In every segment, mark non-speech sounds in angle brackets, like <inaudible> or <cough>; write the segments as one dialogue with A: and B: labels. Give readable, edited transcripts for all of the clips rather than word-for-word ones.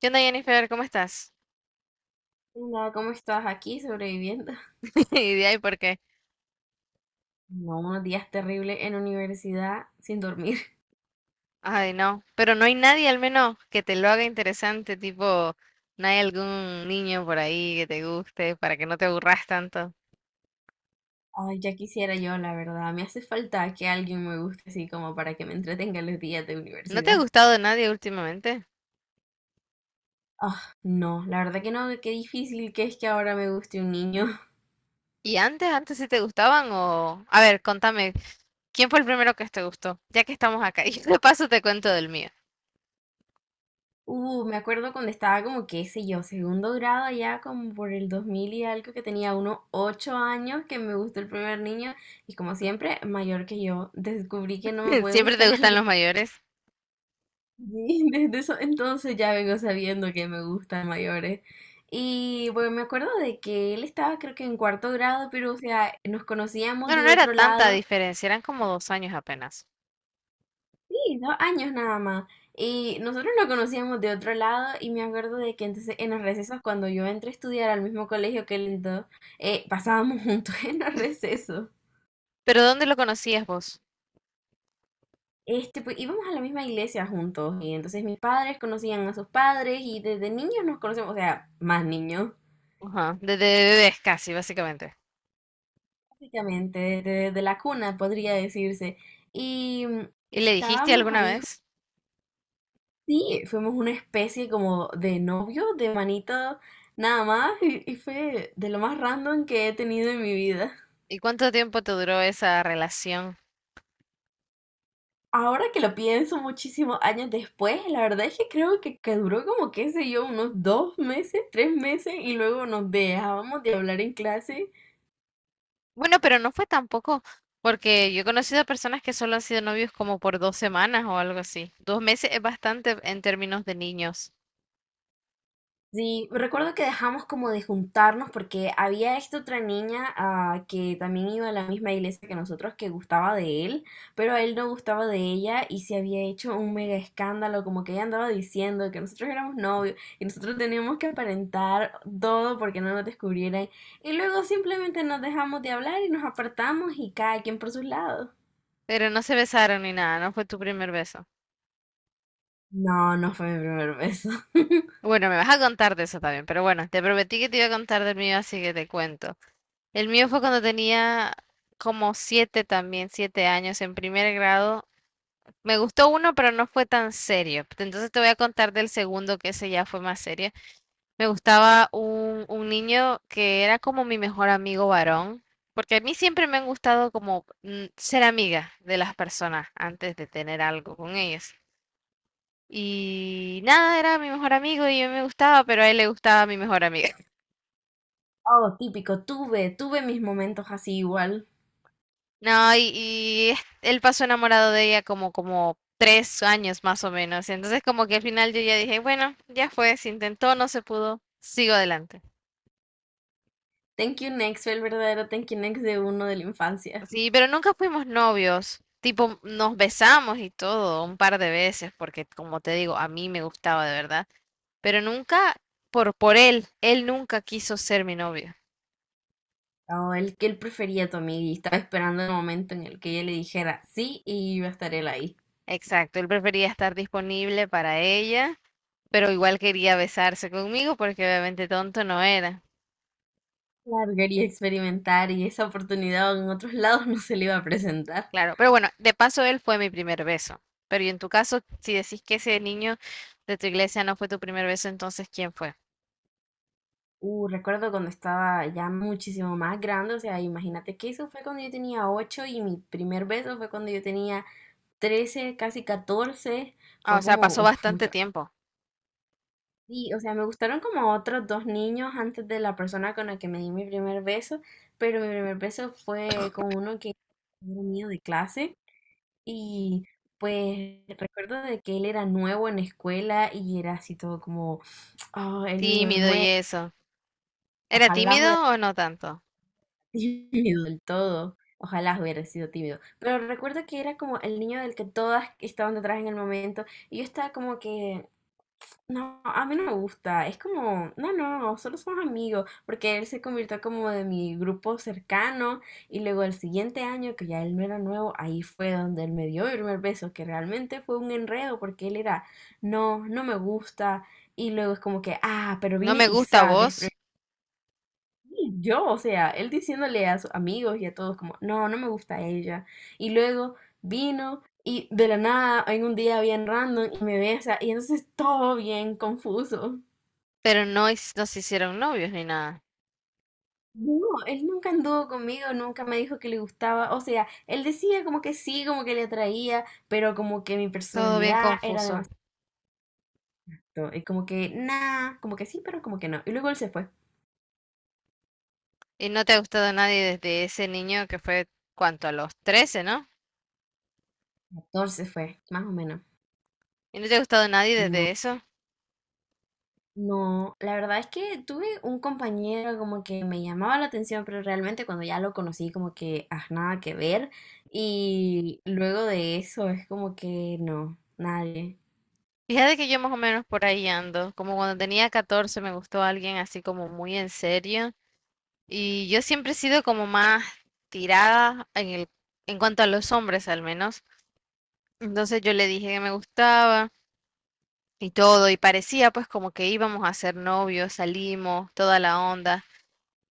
A: ¿Qué onda, Jennifer? ¿Cómo estás?
B: Hola, ¿cómo estás aquí sobreviviendo? <laughs>
A: <laughs> Y de ahí porque,
B: No, unos días terribles en universidad sin dormir. <laughs>
A: ay, no, pero no hay nadie al menos que te lo haga interesante, tipo, no hay algún niño por ahí que te guste para que no te aburras tanto.
B: Ay, ya quisiera yo, la verdad. Me hace falta que alguien me guste así como para que me entretenga los días de
A: ¿No te ha
B: universidad.
A: gustado nadie últimamente?
B: Ah, no, la verdad que no, qué difícil que es que ahora me guste un niño. <laughs>
A: ¿Y antes sí te gustaban o...? A ver, contame, ¿quién fue el primero que te gustó? Ya que estamos acá, <laughs> y de paso te cuento del mío.
B: Me acuerdo cuando estaba como, qué sé yo, segundo grado allá como por el 2000 y algo que tenía unos 8 años que me gustó el primer niño y como siempre, mayor que yo, descubrí que no me
A: <laughs>
B: puede
A: ¿Siempre
B: gustar <laughs>
A: te gustan
B: alguien.
A: los mayores?
B: Sí, <laughs> desde eso entonces ya vengo sabiendo que me gustan mayores. Y bueno, me acuerdo de que él estaba creo que en cuarto grado, pero o sea, nos conocíamos
A: Bueno,
B: de
A: no era
B: otro
A: tanta
B: lado,
A: diferencia, eran como 2 años apenas.
B: sí, 2 años nada más. Y nosotros nos conocíamos de otro lado y me acuerdo de que entonces en los recesos, cuando yo entré a estudiar al mismo colegio que él entró, pasábamos <laughs> juntos en los recesos.
A: ¿Pero dónde lo conocías vos?
B: Este, pues íbamos a la misma iglesia juntos y entonces mis padres conocían a sus padres y desde niños nos conocemos, o sea, más niños.
A: Ajá, desde bebés casi, básicamente.
B: Básicamente, desde de la cuna podría decirse. Y
A: ¿Y le dijiste
B: estábamos
A: alguna
B: ahí,
A: vez?
B: sí, fuimos una especie como de novio, de manito, nada más, y fue de lo más random que he tenido en mi vida.
A: ¿Y cuánto tiempo te duró esa relación?
B: Ahora que lo pienso muchísimos años después, la verdad es que creo que duró como, qué sé yo, unos 2 meses, 3 meses, y luego nos dejábamos de hablar en clase.
A: Bueno, pero no fue tampoco, porque yo he conocido personas que solo han sido novios como por 2 semanas o algo así. 2 meses es bastante en términos de niños,
B: Sí, recuerdo que dejamos como de juntarnos porque había esta otra niña que también iba a la misma iglesia que nosotros que gustaba de él, pero a él no gustaba de ella y se había hecho un mega escándalo, como que ella andaba diciendo que nosotros éramos novios y nosotros teníamos que aparentar todo porque no nos descubrieran. Y luego simplemente nos dejamos de hablar y nos apartamos y cada quien por sus lados.
A: pero no se besaron ni nada, no fue tu primer beso.
B: No, no fue mi primer beso. <laughs>
A: Bueno, me vas a contar de eso también, pero bueno, te prometí que te iba a contar del mío, así que te cuento. El mío fue cuando tenía como 7 también, 7 años en primer grado. Me gustó uno, pero no fue tan serio. Entonces te voy a contar del segundo, que ese ya fue más serio. Me gustaba un niño que era como mi mejor amigo varón, porque a mí siempre me han gustado como ser amiga de las personas antes de tener algo con ellas. Y nada, era mi mejor amigo y yo me gustaba, pero a él le gustaba mi mejor amiga.
B: Oh, típico, tuve mis momentos así igual.
A: No, y él pasó enamorado de ella como 3 años más o menos. Entonces como que al final yo ya dije, bueno, ya fue, se intentó, no se pudo, sigo adelante.
B: Thank You Next fue el verdadero Thank You Next de uno de la infancia.
A: Sí, pero nunca fuimos novios. Tipo, nos besamos y todo un par de veces, porque como te digo, a mí me gustaba de verdad. Pero nunca por él, él nunca quiso ser mi novio.
B: O el que él prefería a tu amiga y estaba esperando el momento en el que ella le dijera sí y iba a estar él ahí.
A: Exacto, él prefería estar disponible para ella, pero igual quería besarse conmigo porque obviamente tonto no era.
B: Largar y experimentar y esa oportunidad en otros lados no se le iba a presentar.
A: Claro, pero bueno, de paso él fue mi primer beso. Pero y en tu caso, si decís que ese niño de tu iglesia no fue tu primer beso, entonces ¿quién fue?
B: Recuerdo cuando estaba ya muchísimo más grande, o sea, imagínate que eso fue cuando yo tenía 8 y mi primer beso fue cuando yo tenía 13, casi 14.
A: Ah, o
B: Fue
A: sea,
B: como,
A: pasó
B: uf,
A: bastante
B: mucha.
A: tiempo.
B: Sí, o sea, me gustaron como otros dos niños antes de la persona con la que me di mi primer beso, pero mi primer beso fue con uno que era mío de clase y pues recuerdo de que él era nuevo en la escuela y era así todo como, oh, el niño
A: Tímido y
B: nuevo,
A: eso. ¿Era
B: ojalá hubiera
A: tímido o no tanto?
B: sido <laughs> tímido del todo, ojalá hubiera sido tímido, pero recuerdo que era como el niño del que todas estaban detrás en el momento y yo estaba como que no, a mí no me gusta. Es como, no, no, solo somos amigos, porque él se convirtió como de mi grupo cercano y luego el siguiente año, que ya él no era nuevo, ahí fue donde él me dio el primer beso, que realmente fue un enredo porque él era, no, no me gusta y luego es como que, pero
A: No
B: vine
A: me
B: y
A: gusta
B: desprevenida.
A: vos,
B: Yo, o sea, él diciéndole a sus amigos y a todos como, no, no me gusta ella y luego vino. Y de la nada, en un día bien random, y me besa, y entonces todo bien confuso.
A: pero no, no se hicieron novios ni nada.
B: No, él nunca anduvo conmigo, nunca me dijo que le gustaba, o sea, él decía como que sí, como que le atraía, pero como que mi
A: Todo bien
B: personalidad era
A: confuso.
B: demasiado, y como que nada, como que sí, pero como que no. Y luego él se fue.
A: Y no te ha gustado nadie desde ese niño que fue, ¿cuánto? A los 13, ¿no?
B: 14 fue, más o menos.
A: Y no te ha gustado nadie
B: No,
A: desde eso.
B: no, la verdad es que tuve un compañero como que me llamaba la atención, pero realmente cuando ya lo conocí como que, ah, nada que ver, y luego de eso es como que no, nadie.
A: Fíjate que yo más o menos por ahí ando. Como cuando tenía 14 me gustó alguien así como muy en serio. Y yo siempre he sido como más tirada en cuanto a los hombres al menos. Entonces yo le dije que me gustaba y todo, y parecía pues como que íbamos a ser novios, salimos, toda la onda.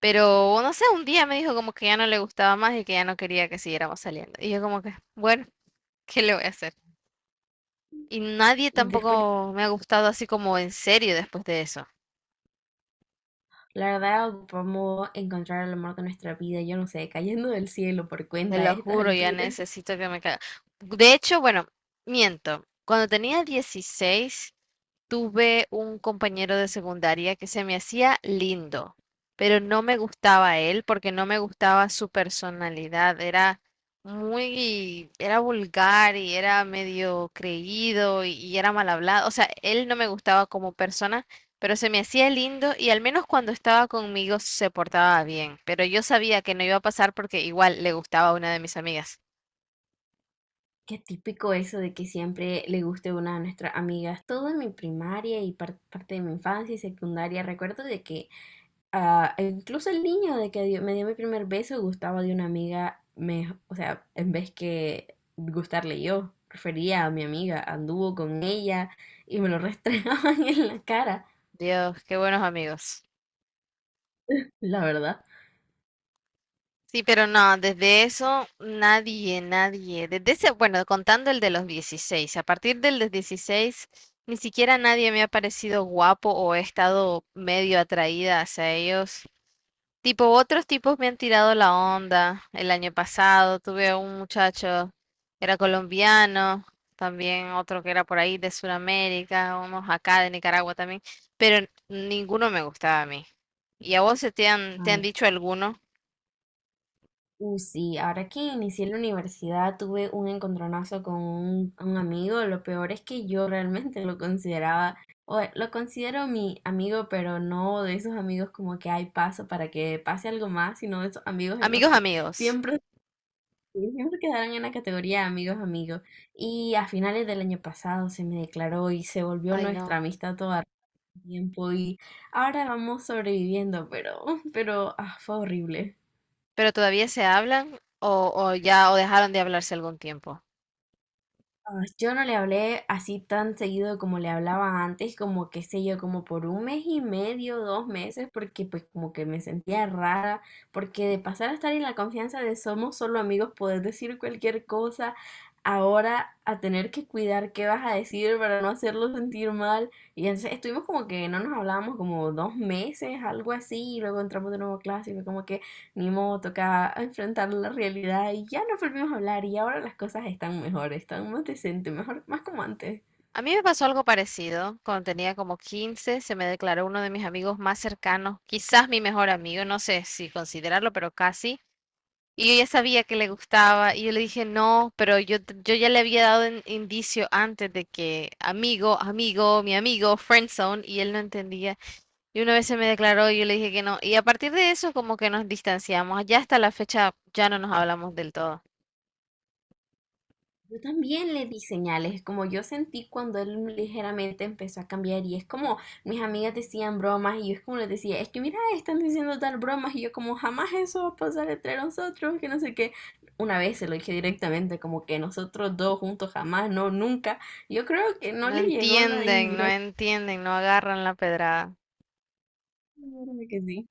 A: Pero no sé, un día me dijo como que ya no le gustaba más y que ya no quería que siguiéramos saliendo. Y yo como que, bueno, ¿qué le voy a hacer? Y nadie
B: Y después
A: tampoco me ha gustado así como en serio después de eso.
B: la verdad, ocupamos encontrar el amor de nuestra vida, yo no sé, cayendo del cielo por
A: Te
B: cuenta a
A: lo
B: estas
A: juro, ya
B: alturas.
A: necesito que me caiga. De hecho, bueno, miento. Cuando tenía 16. Tuve un compañero de secundaria que se me hacía lindo, pero no me gustaba él porque no me gustaba su personalidad. Era era vulgar y era medio creído y era mal hablado. O sea, él no me gustaba como persona, pero se me hacía lindo y al menos cuando estaba conmigo se portaba bien. Pero yo sabía que no iba a pasar porque igual le gustaba a una de mis amigas.
B: Qué típico eso de que siempre le guste una de nuestras amigas. Todo en mi primaria y parte de mi infancia y secundaria, recuerdo de que incluso el niño de que me dio mi primer beso gustaba de una amiga, o sea, en vez que gustarle yo, prefería a mi amiga, anduvo con ella y me lo restregaban <laughs> en la cara,
A: Dios, qué buenos amigos.
B: la verdad.
A: Sí, pero no, desde eso nadie, nadie. Desde ese, bueno, contando el de los 16, a partir del de 16 ni siquiera nadie me ha parecido guapo o he estado medio atraída hacia ellos. Tipo, otros tipos me han tirado la onda. El año pasado tuve a un muchacho, era colombiano, también otro que era por ahí de Sudamérica, unos acá de Nicaragua también, pero ninguno me gustaba a mí. ¿Y a vos te han
B: Ay,
A: dicho alguno?
B: Sí, ahora que inicié la universidad tuve un encontronazo con un amigo. Lo peor es que yo realmente lo consideraba, o lo considero mi amigo, pero no de esos amigos como que hay paso para que pase algo más, sino de esos amigos en los
A: Amigos,
B: que
A: amigos.
B: siempre, siempre quedarán en la categoría de amigos, amigos. Y a finales del año pasado se me declaró y se volvió
A: Ay,
B: nuestra
A: no.
B: amistad toda el tiempo y ahora vamos sobreviviendo, pero fue horrible.
A: ¿Pero todavía se hablan o ya o dejaron de hablarse algún tiempo?
B: Ah, Yo no le hablé así tan seguido como le hablaba antes, como qué sé yo, como por un mes y medio, 2 meses, porque pues como que me sentía rara, porque de pasar a estar en la confianza de somos solo amigos, poder decir cualquier cosa, ahora a tener que cuidar qué vas a decir para no hacerlo sentir mal. Y entonces estuvimos como que no nos hablábamos como 2 meses, algo así, y luego entramos de nuevo a clase y fue como que. Ni modo, toca enfrentar la realidad y ya nos volvimos a hablar y ahora las cosas están mejor, están más decentes, mejor, más como antes.
A: A mí me pasó algo parecido. Cuando tenía como 15, se me declaró uno de mis amigos más cercanos, quizás mi mejor amigo, no sé si considerarlo, pero casi. Y yo ya sabía que le gustaba y yo le dije no, pero yo, yo ya le había dado indicio antes de que amigo, amigo, mi amigo, friendzone, y él no entendía. Y una vez se me declaró y yo le dije que no. Y a partir de eso como que nos distanciamos. Ya hasta la fecha ya no nos hablamos del todo.
B: Yo también le di señales, como yo sentí cuando él ligeramente empezó a cambiar y es como mis amigas decían bromas y yo es como les decía, es que mira, están diciendo tal bromas y yo como jamás eso va a pasar entre nosotros, que no sé qué. Una vez se lo dije directamente, como que nosotros dos juntos jamás, no, nunca. Yo creo que no
A: No
B: le llegó la
A: entienden, no
B: indirecta.
A: entienden, no agarran la pedrada.
B: Que sí.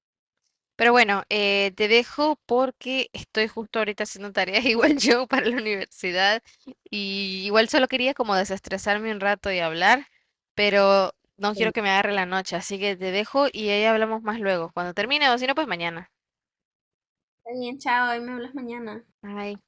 A: Pero bueno, te dejo porque estoy justo ahorita haciendo tareas <laughs> igual yo para la universidad y igual solo quería como desestresarme un rato y hablar, pero no
B: Está
A: quiero que me agarre la noche, así que te dejo y ahí hablamos más luego, cuando termine o si no, pues mañana.
B: bien, chao, ahí me hablas mañana.
A: Bye.